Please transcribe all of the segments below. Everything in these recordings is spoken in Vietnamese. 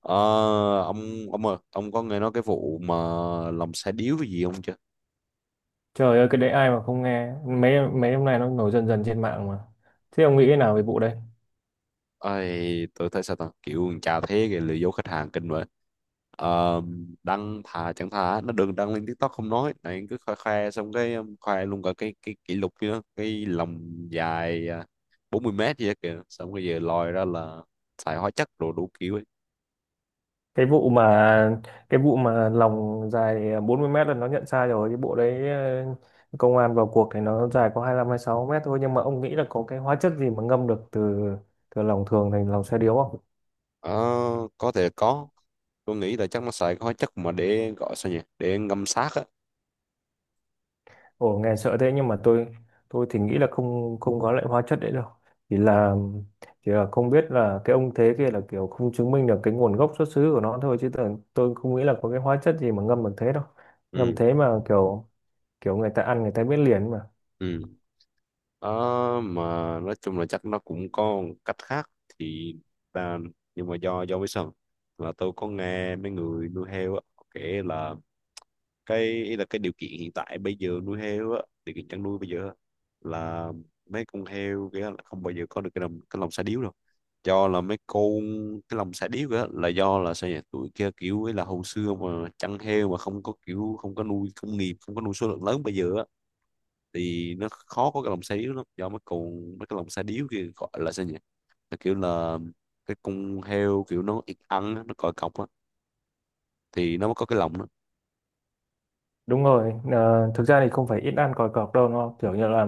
Ờ, ông ông ơi, ông có nghe nói cái vụ mà lòng xe điếu cái gì không chưa? Trời ơi, cái đấy ai mà không nghe. Mấy mấy hôm nay nó nổi dần dần trên mạng mà. Thế ông nghĩ thế nào về vụ đấy? Ai, tôi thấy sao ta kiểu con chà thế kìa lừa dối khách hàng kinh vậy. Ờ, đăng thà chẳng thà nó đừng đăng lên TikTok, không nói này cứ khoe khoe xong cái, khoe luôn cả cái kỷ lục kia, cái lòng dài à, 40 m gì đó kìa, xong bây giờ lòi ra là xài hóa chất rồi đủ kiểu ấy. Cái vụ mà cái vụ mà lòng dài à, 40 mét là nó nhận sai rồi. Cái bộ đấy, công an vào cuộc thì nó dài có 25 sáu mét thôi, nhưng mà ông nghĩ là có cái hóa chất gì mà ngâm được từ từ lòng thường thành lòng xe điếu? Ờ, có thể có, tôi nghĩ là chắc nó xài cái hóa chất mà để gọi sao nhỉ, để ngâm xác á. Ồ, nghe sợ thế. Nhưng mà tôi thì nghĩ là không không có loại hóa chất đấy đâu. Chỉ là chỉ là không biết là cái ông thế kia là kiểu không chứng minh được cái nguồn gốc xuất xứ của nó thôi, chứ tôi không nghĩ là có cái hóa chất gì mà ngâm bằng thế đâu. Ngâm Ừ, thế mà kiểu kiểu người ta ăn người ta biết liền mà. ừ. Ờ, mà nói chung là chắc nó cũng có một cách khác thì ta, nhưng mà do với sao là tôi có nghe mấy người nuôi heo á họ kể là cái ý là cái điều kiện hiện tại bây giờ nuôi heo á, điều kiện chăn nuôi bây giờ á, là mấy con heo kia là không bao giờ có được cái lòng sa điếu đâu, do là mấy con cái lòng sa điếu á là do là sao nhỉ, tụi kia kiểu ấy là hồi xưa mà chăn heo mà không có kiểu không có nuôi công nghiệp, không có nuôi số lượng lớn bây giờ á, thì nó khó có cái lồng xe điếu lắm, do mấy con mấy cái lồng xe điếu kia gọi là sao nhỉ, là kiểu là cái con heo kiểu nó ít ăn á, nó còi cọc á thì nó mới có cái lồng đó. Đúng rồi, thực ra thì không phải ít ăn còi cọc đâu, nó kiểu như là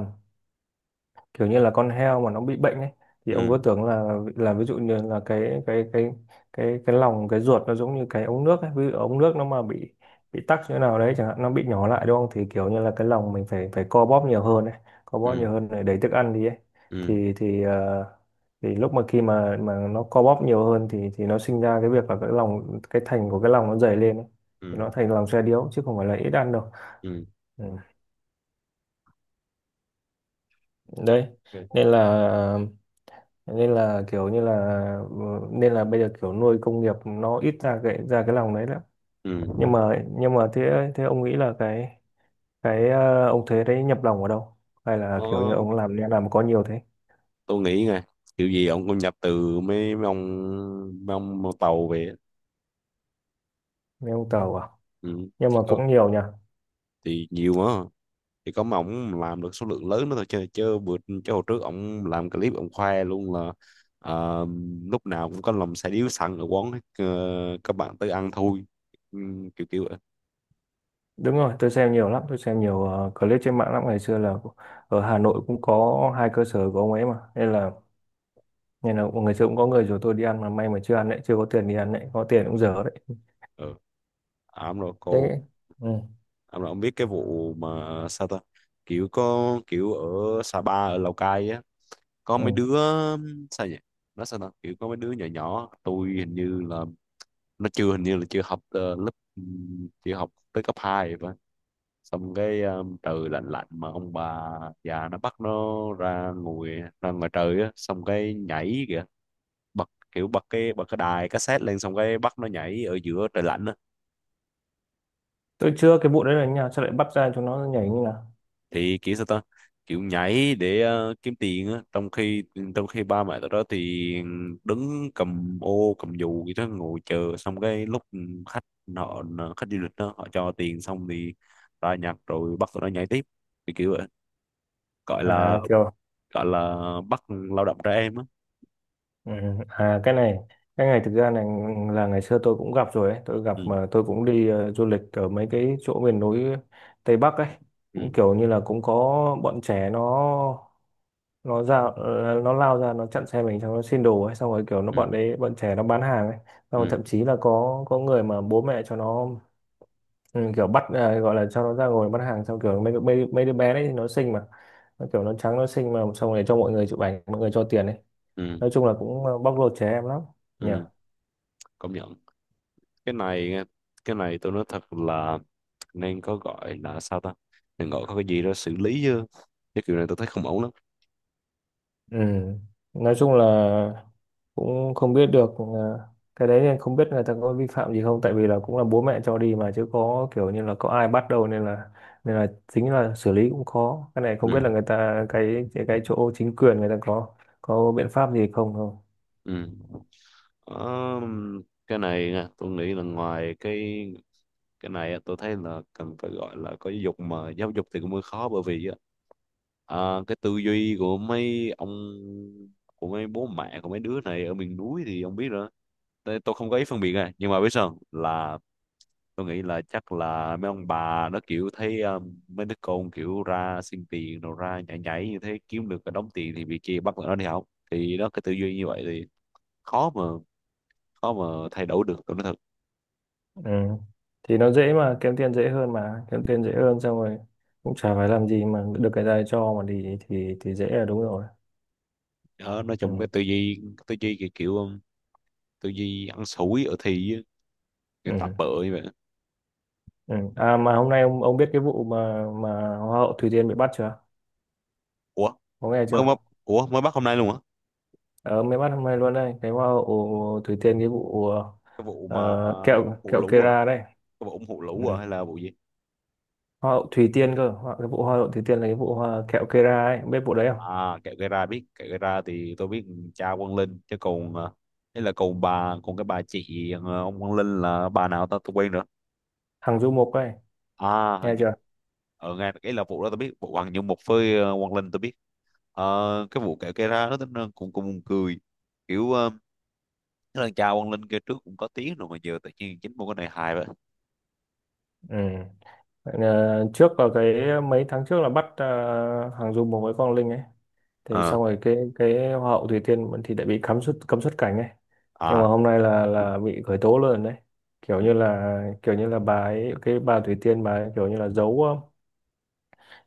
kiểu như là con heo mà nó bị bệnh ấy, thì ông Ừ. cứ tưởng là ví dụ như là cái lòng cái ruột nó giống như cái ống nước ấy. Ví dụ ống nước nó mà bị tắc chỗ nào đấy chẳng hạn, nó bị nhỏ lại đúng không, thì kiểu như là cái lòng mình phải phải co bóp nhiều hơn ấy, co bóp Ừ. nhiều hơn để đẩy thức ăn đi ấy. Ừ. Thì thì ờ, thì lúc mà khi mà nó co bóp nhiều hơn thì nó sinh ra cái việc là cái lòng cái thành của cái lòng nó dày lên ấy. Thì Ừ. nó thành lòng xe điếu, chứ không phải là ít ăn đâu. Ừ. Ừ. Đấy, Ok. nên là nên là kiểu như là, ừ, nên là bây giờ kiểu nuôi công nghiệp nó ít ra cái lòng đấy lắm. Ừ. Nhưng mà thế thế ông nghĩ là cái ông thế đấy nhập lòng ở đâu, hay là Ờ, kiểu như ông làm có nhiều thế? tôi nghĩ nè, kiểu gì ông cũng nhập từ mấy mấy ông tàu về á. Nên ông tàu à? Ừ. Nhưng Chỉ mà có cũng nhiều nhỉ. thì nhiều mà, thì có mà ổng làm được số lượng lớn nữa thôi chứ, chứ bữa, chứ hồi trước ổng làm clip ổng khoe luôn là ờ, lúc nào cũng có lòng xài điếu xăng ở quán hết, các bạn tới ăn thôi, ừ, kiểu kiểu vậy. Đúng rồi, tôi xem nhiều lắm, tôi xem nhiều clip trên mạng lắm. Ngày xưa là ở Hà Nội cũng có hai cơ sở của ông ấy mà, nên là ngày xưa cũng có người rủ tôi đi ăn, mà may mà chưa ăn đấy, chưa có tiền đi ăn đấy, có tiền cũng dở đấy. Ừ. À, ổng rồi cô, Thế. Ừ. ổng rồi ổng biết cái vụ mà sao ta, kiểu có kiểu ở Sapa ở Lào Cai á, có mấy Ừ. đứa sao nhỉ, nó sao ta kiểu có mấy đứa nhỏ nhỏ tôi hình như là nó chưa hình như là chưa học lớp, ừ, chưa học tới cấp hai vậy, xong cái, trời lạnh lạnh mà ông bà già nó bắt nó ra ngồi, ra ngoài trời á xong cái nhảy kìa, bật kiểu bật cái đài cassette lên xong cái bắt nó nhảy ở giữa trời lạnh á. Tôi chưa, cái vụ đấy là như nào, sao lại bắt ra chúng nó nhảy như nào? Thì kiểu sao ta, kiểu nhảy để kiếm tiền á, trong khi ba mẹ tụi đó thì đứng cầm ô cầm dù gì đó ngồi chờ, xong cái lúc khách, họ, khách du lịch đó họ cho tiền xong thì ra nhặt rồi bắt tụi nó nhảy tiếp, thì kiểu vậy, gọi là, À, kiểu. gọi là bắt lao động trẻ em á. Ừ. À, cái này thực ra này, là ngày xưa tôi cũng gặp rồi ấy. Tôi gặp Ừ. mà tôi cũng đi du lịch ở mấy cái chỗ miền núi Tây Bắc ấy. Ừ. Cũng kiểu như là cũng có bọn trẻ nó ra, nó lao ra nó chặn xe mình, xong nó xin đồ ấy. Xong rồi kiểu nó bọn Ừ. đấy bọn trẻ nó bán hàng ấy, xong rồi Ừ. thậm chí là có người mà bố mẹ cho nó, ừ, kiểu bắt à, gọi là cho nó ra ngồi bắt hàng. Xong kiểu mấy đứa bé đấy thì nó xinh mà, nó kiểu nó trắng nó xinh mà, xong rồi cho mọi người chụp ảnh, mọi người cho tiền ấy. Ừ. Nói chung là cũng à, bóc lột trẻ em lắm nhỉ. Ừ, công nhận. Cái này, cái này tôi nói thật là nên có gọi là sao ta, nên gọi có cái gì đó xử lý chứ, cái kiểu này tôi thấy không ổn lắm. Ừ. Nói chung là cũng không biết được à, cái đấy. Nên không biết người ta có vi phạm gì không, tại vì là cũng là bố mẹ cho đi mà, chứ có kiểu như là có ai bắt đâu. Nên là chính là xử lý cũng khó. Cái này không biết Ừ. là người ta cái chỗ chính quyền người ta có biện pháp gì không không. Ừ. Ờ, cái này nha, tôi nghĩ là ngoài cái này á, tôi thấy là cần phải gọi là có giáo dục, mà giáo dục thì cũng hơi khó bởi vì á, à, cái tư duy của mấy ông, của mấy bố mẹ của mấy đứa này ở miền núi thì ông biết rồi. Tôi không có ý phân biệt này nhưng mà biết sao không? Là tôi nghĩ là chắc là mấy ông bà nó kiểu thấy mấy đứa con kiểu ra xin tiền rồi ra nhảy nhảy như thế kiếm được cái đống tiền thì bị kia bắt tụi nó đi học, thì nó cái tư duy như vậy thì khó mà, khó mà thay đổi được, tôi nói thật. Ừ. Thì nó dễ mà, kiếm tiền dễ hơn mà, kiếm tiền dễ hơn, xong rồi cũng chả phải làm gì mà được, cái này cho mà đi thì dễ là đúng rồi. Đó, nó trong cái Ừ. tư duy, tư duy kiểu, kiểu, tư duy ăn xủi ở thi á, cái tập Ừ. bợ như vậy. Ừ. À mà hôm nay ông biết cái vụ mà hoa hậu Thủy Tiên bị bắt chưa? Ủa Có nghe mới, chưa? mới, ủa mới bắt hôm nay luôn hả? Ờ, mới bắt hôm nay luôn đây, cái hoa hậu Thủy Tiên, cái vụ Cái vụ mà, ờ, kẹo vụ kẹo lũ à, Kera đấy. cái vụ ủng hộ Ừ. lũ à hay là vụ gì? Hoa hậu Thủy Tiên cơ, hoa, cái vụ hoa hậu Thủy Tiên là cái vụ hoa kẹo Kera ấy, biết vụ đấy không? À kẹo gây ra, biết, kẹo gây ra thì tôi biết. Cha Quang Linh chứ còn, à, ấy là còn bà, còn cái bà chị à, ông Quang Linh là bà nào ta tôi quên nữa. Thằng Du Mục ấy, À nghe hình như- chưa? ở ngay cái là vụ đó tôi biết, vụ Hoàng như một với à, Quang Linh tôi biết. Cái vụ kẹo gây ra đó tính ra cũng cũng buồn cười, kiểu, thế là cha Quang Linh kia trước cũng có tiếng rồi mà giờ tự nhiên chính một cái này hài vậy. Ừ. Ờ, trước ở cái mấy tháng trước là bắt hàng Dung cùng với Quang Linh ấy. Thì Ờ. xong rồi cái Hoa hậu Thủy Tiên vẫn thì đã bị cấm xuất cảnh ấy, nhưng mà À. hôm nay là bị khởi tố luôn đấy. kiểu Ừ. như là kiểu như là bà ấy, cái bà Thủy Tiên, bà ấy kiểu như là giấu,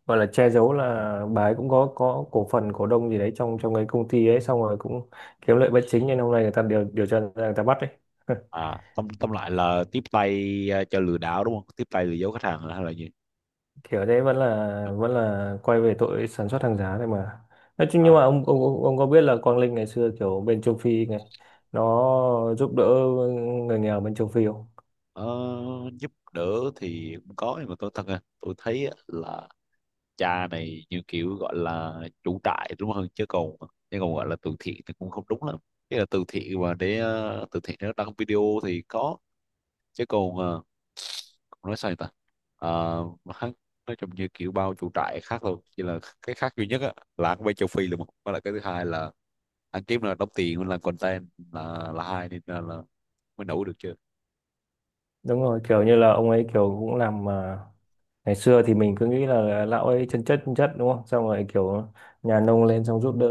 gọi là che giấu, là bà ấy cũng có cổ phần cổ đông gì đấy trong trong cái công ty ấy. Xong rồi cũng kiếm lợi bất chính, nên hôm nay người ta điều điều tra ra người ta bắt ấy. À tóm, tóm lại là tiếp tay, à, cho lừa đảo đúng không, tiếp tay lừa dối khách hàng hay là gì? Kiểu đấy vẫn là quay về tội sản xuất hàng giả này mà. Nói chung, nhưng mà À ông có biết là Quang Linh ngày xưa kiểu bên châu Phi này nó giúp đỡ người nghèo bên châu Phi không? ờ, giúp đỡ thì cũng có nhưng mà tôi thật ra tôi thấy á là cha này như kiểu gọi là chủ trại đúng không, chứ còn, chứ còn gọi là từ thiện thì cũng không đúng lắm. Cái là từ thiện mà để từ thiện nó đăng video thì có, chứ còn còn nói sao vậy ta. Mà hắn nói chung như kiểu bao chủ trại khác thôi, chỉ là cái khác duy nhất á, là hắn quay châu Phi là một, với lại cái thứ hai là hắn kiếm là đóng tiền là content, là hai nên là mới nổi được chưa. Đúng rồi, kiểu như là ông ấy kiểu cũng làm à, ngày xưa thì mình cứ nghĩ là lão ấy chân chất đúng không, xong rồi kiểu nhà nông lên xong giúp đỡ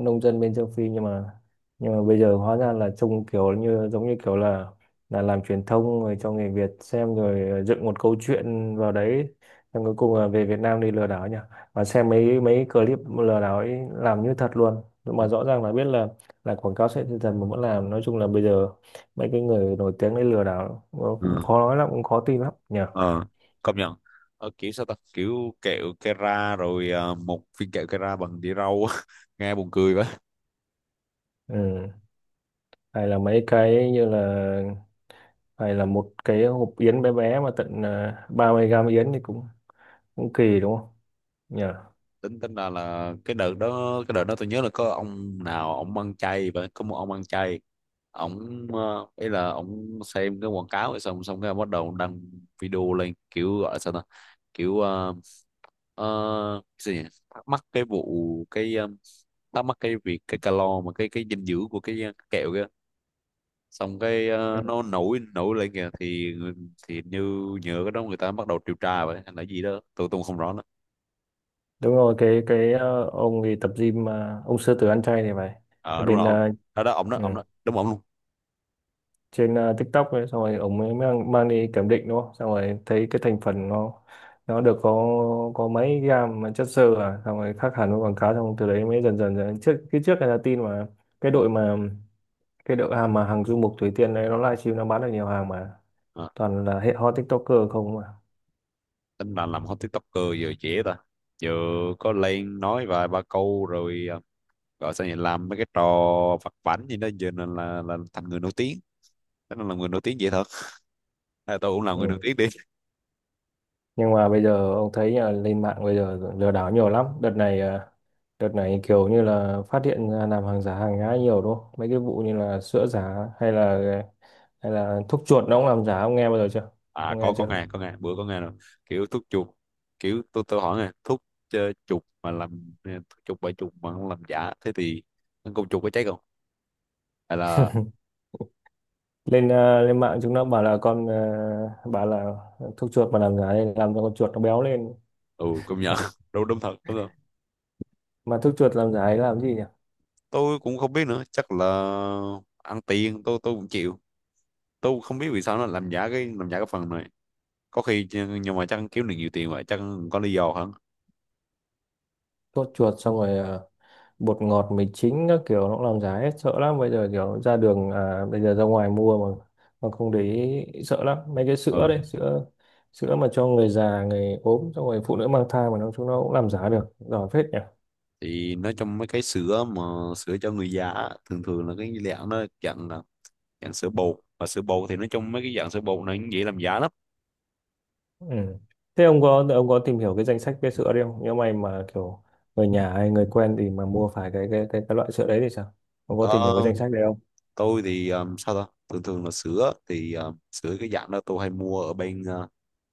nông dân bên châu Phi. Nhưng mà bây giờ hóa ra là trông kiểu như giống như kiểu là làm truyền thông rồi cho người Việt xem, rồi dựng một câu chuyện vào đấy, xong cuối cùng là về Việt Nam đi lừa đảo nhỉ. Mà xem mấy mấy clip lừa đảo ấy làm như thật luôn, Ừ. mà rõ ràng là biết là quảng cáo sẽ dần mà vẫn làm. Nói chung là bây giờ mấy cái người nổi tiếng đấy lừa đảo cũng Ừ. khó nói lắm, cũng khó tin lắm nhỉ. Ờ công nhận. Kiểu sao ta, kiểu kẹo Kera rồi một viên kẹo Kera bằng đĩa rau á. Nghe buồn cười vậy. Ừ. Hay là mấy cái như là hay là một cái hộp yến bé bé mà tận à, 30 gram yến thì cũng cũng kỳ đúng không nhỉ. Tính, tính là cái đợt đó, cái đợt đó tôi nhớ là có ông nào ông ăn chay vậy, có một ông ăn chay. Ông ý là ông xem cái quảng cáo rồi xong xong cái bắt đầu ông đăng video lên kiểu gọi là sao ta, kiểu, cái gì nhỉ? Thắc mắc cái vụ cái thắc mắc cái việc cái calo mà cái dinh dưỡng của cái kẹo kia, xong cái, Ừ. nó nổi nổi lên kìa, thì như nhờ cái đó người ta bắt đầu điều tra vậy hay là gì đó tôi không rõ nữa. Đúng rồi, cái ông thì tập gym mà ông sư tử ăn chay thì phải. Ờ Ở đúng rồi bên ông, đó đó ông đó ừ, ông đó đúng ông luôn. trên TikTok ấy, xong rồi ông ấy mang đi kiểm định đúng không, xong rồi thấy cái thành phần nó được có mấy gram mà chất xơ à, xong rồi khác hẳn với quảng cáo. Xong từ đấy mới dần dần, dần. Trước trước là tin mà cái đội hàng mà hàng du mục Thủy Tiên đấy, nó livestream nó bán được nhiều hàng mà, À, toàn là hệ hot TikToker không mà. tính là làm hot tiktoker giờ dễ ta, giờ có lên nói vài ba câu rồi gọi sao nhỉ làm mấy cái trò vặt vãnh gì đó giờ là thành người nổi tiếng. Thế nên là người nổi tiếng dễ thật, à, tôi cũng làm người nổi Ừ. tiếng. Nhưng mà bây giờ ông thấy là lên mạng bây giờ lừa đảo nhiều lắm đợt này, à, đợt này kiểu như là phát hiện ra làm hàng giả hàng nhái nhiều đúng không. Mấy cái vụ như là sữa giả, hay là thuốc chuột nó cũng làm giả, ông nghe bao giờ chưa? À Ông nghe có chưa? nghe, có nghe bữa có nghe rồi. Kiểu thuốc chuột, kiểu tôi hỏi nè, thuốc ờ, chuột mà làm thuốc chuột bởi chuột mà không làm giả thế thì con chuột có cháy không, hay là? Lên à, lên mạng chúng nó bảo là con à, bảo là thuốc chuột mà làm giả đây làm cho con chuột nó béo lên. Ừ công nhận. Đúng đúng thật, đúng thật. Mà thuốc chuột làm giả ấy làm gì nhỉ? Tôi cũng không biết nữa, chắc là ăn tiền, tôi cũng chịu, tôi cũng không biết vì sao nó làm giả cái, làm giả cái phần này. Có khi chứ- nhưng mà chắc kiếm được nhiều tiền vậy, chắc có lý do hẳn. Sốt chuột, xong rồi bột ngọt mì chính các kiểu nó cũng làm giá hết, sợ lắm. Bây giờ kiểu ra đường à, bây giờ ra ngoài mua mà không để ý sợ lắm. Mấy cái sữa Ừ. đấy, sữa sữa mà cho người già người ốm, xong rồi phụ nữ mang thai, mà nó chúng nó cũng làm giá được giỏi phết nhỉ. Thì nói trong mấy cái sữa mà, sữa cho người già á, thường thường là cái dạng nó dạng là dạng sữa bột, và sữa bột thì nói chung mấy cái dạng sữa bột này cũng dễ làm giả lắm. Ừ. Thế ông có tìm hiểu cái danh sách cái sữa đấy không, nếu mày mà kiểu người nhà hay người quen thì mà mua phải cái cái loại sữa đấy thì sao? Ông có Ờ, tìm hiểu cái danh sách đấy không? tôi thì sao ta thường thường là sữa thì sữa cái dạng đó tôi hay mua ở bên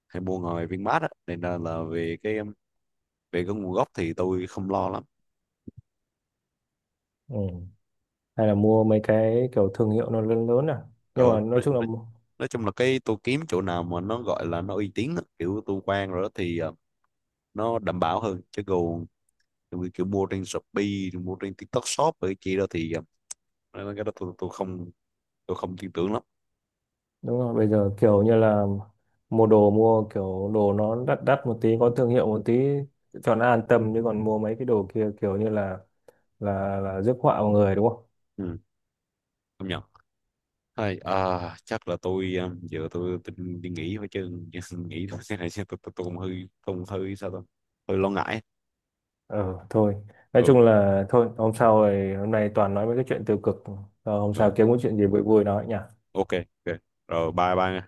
hay mua ngoài Vinmart á, nên là về cái, về cái nguồn gốc thì tôi không lo lắm. Ừ. Hay là mua mấy cái kiểu thương hiệu nó lớn lớn à. Nhưng Ờ, mà nói chung là nói chung là cái tôi kiếm chỗ nào mà nó gọi là nó uy tín á, kiểu tôi quen rồi đó thì nó đảm bảo hơn, chứ còn kiểu, kiểu mua trên Shopee rồi mua trên TikTok Shop rồi cái kia đó thì cái đó tôi không, tôi không tin tưởng lắm. đúng rồi, bây giờ kiểu như là mua đồ mua kiểu đồ nó đắt đắt một tí có thương hiệu một tí cho nó an tâm, chứ còn mua mấy cái đồ kia kiểu như là là rước họa vào người đúng không. Ừ, không nhận. Thôi, à, chắc là tôi giờ tôi đi nghỉ thôi chứ nghỉ thôi thế này chứ tôi cũng hơi không hơi sao tôi hơi lo ngại. Ờ thôi, nói Ừ. chung là thôi hôm sau rồi, hôm nay toàn nói mấy cái chuyện tiêu cực. Ờ, hôm sau Ừ. kiếm cái chuyện gì vui vui nói nhỉ. Ok. Ok. Rồi bye bye nha.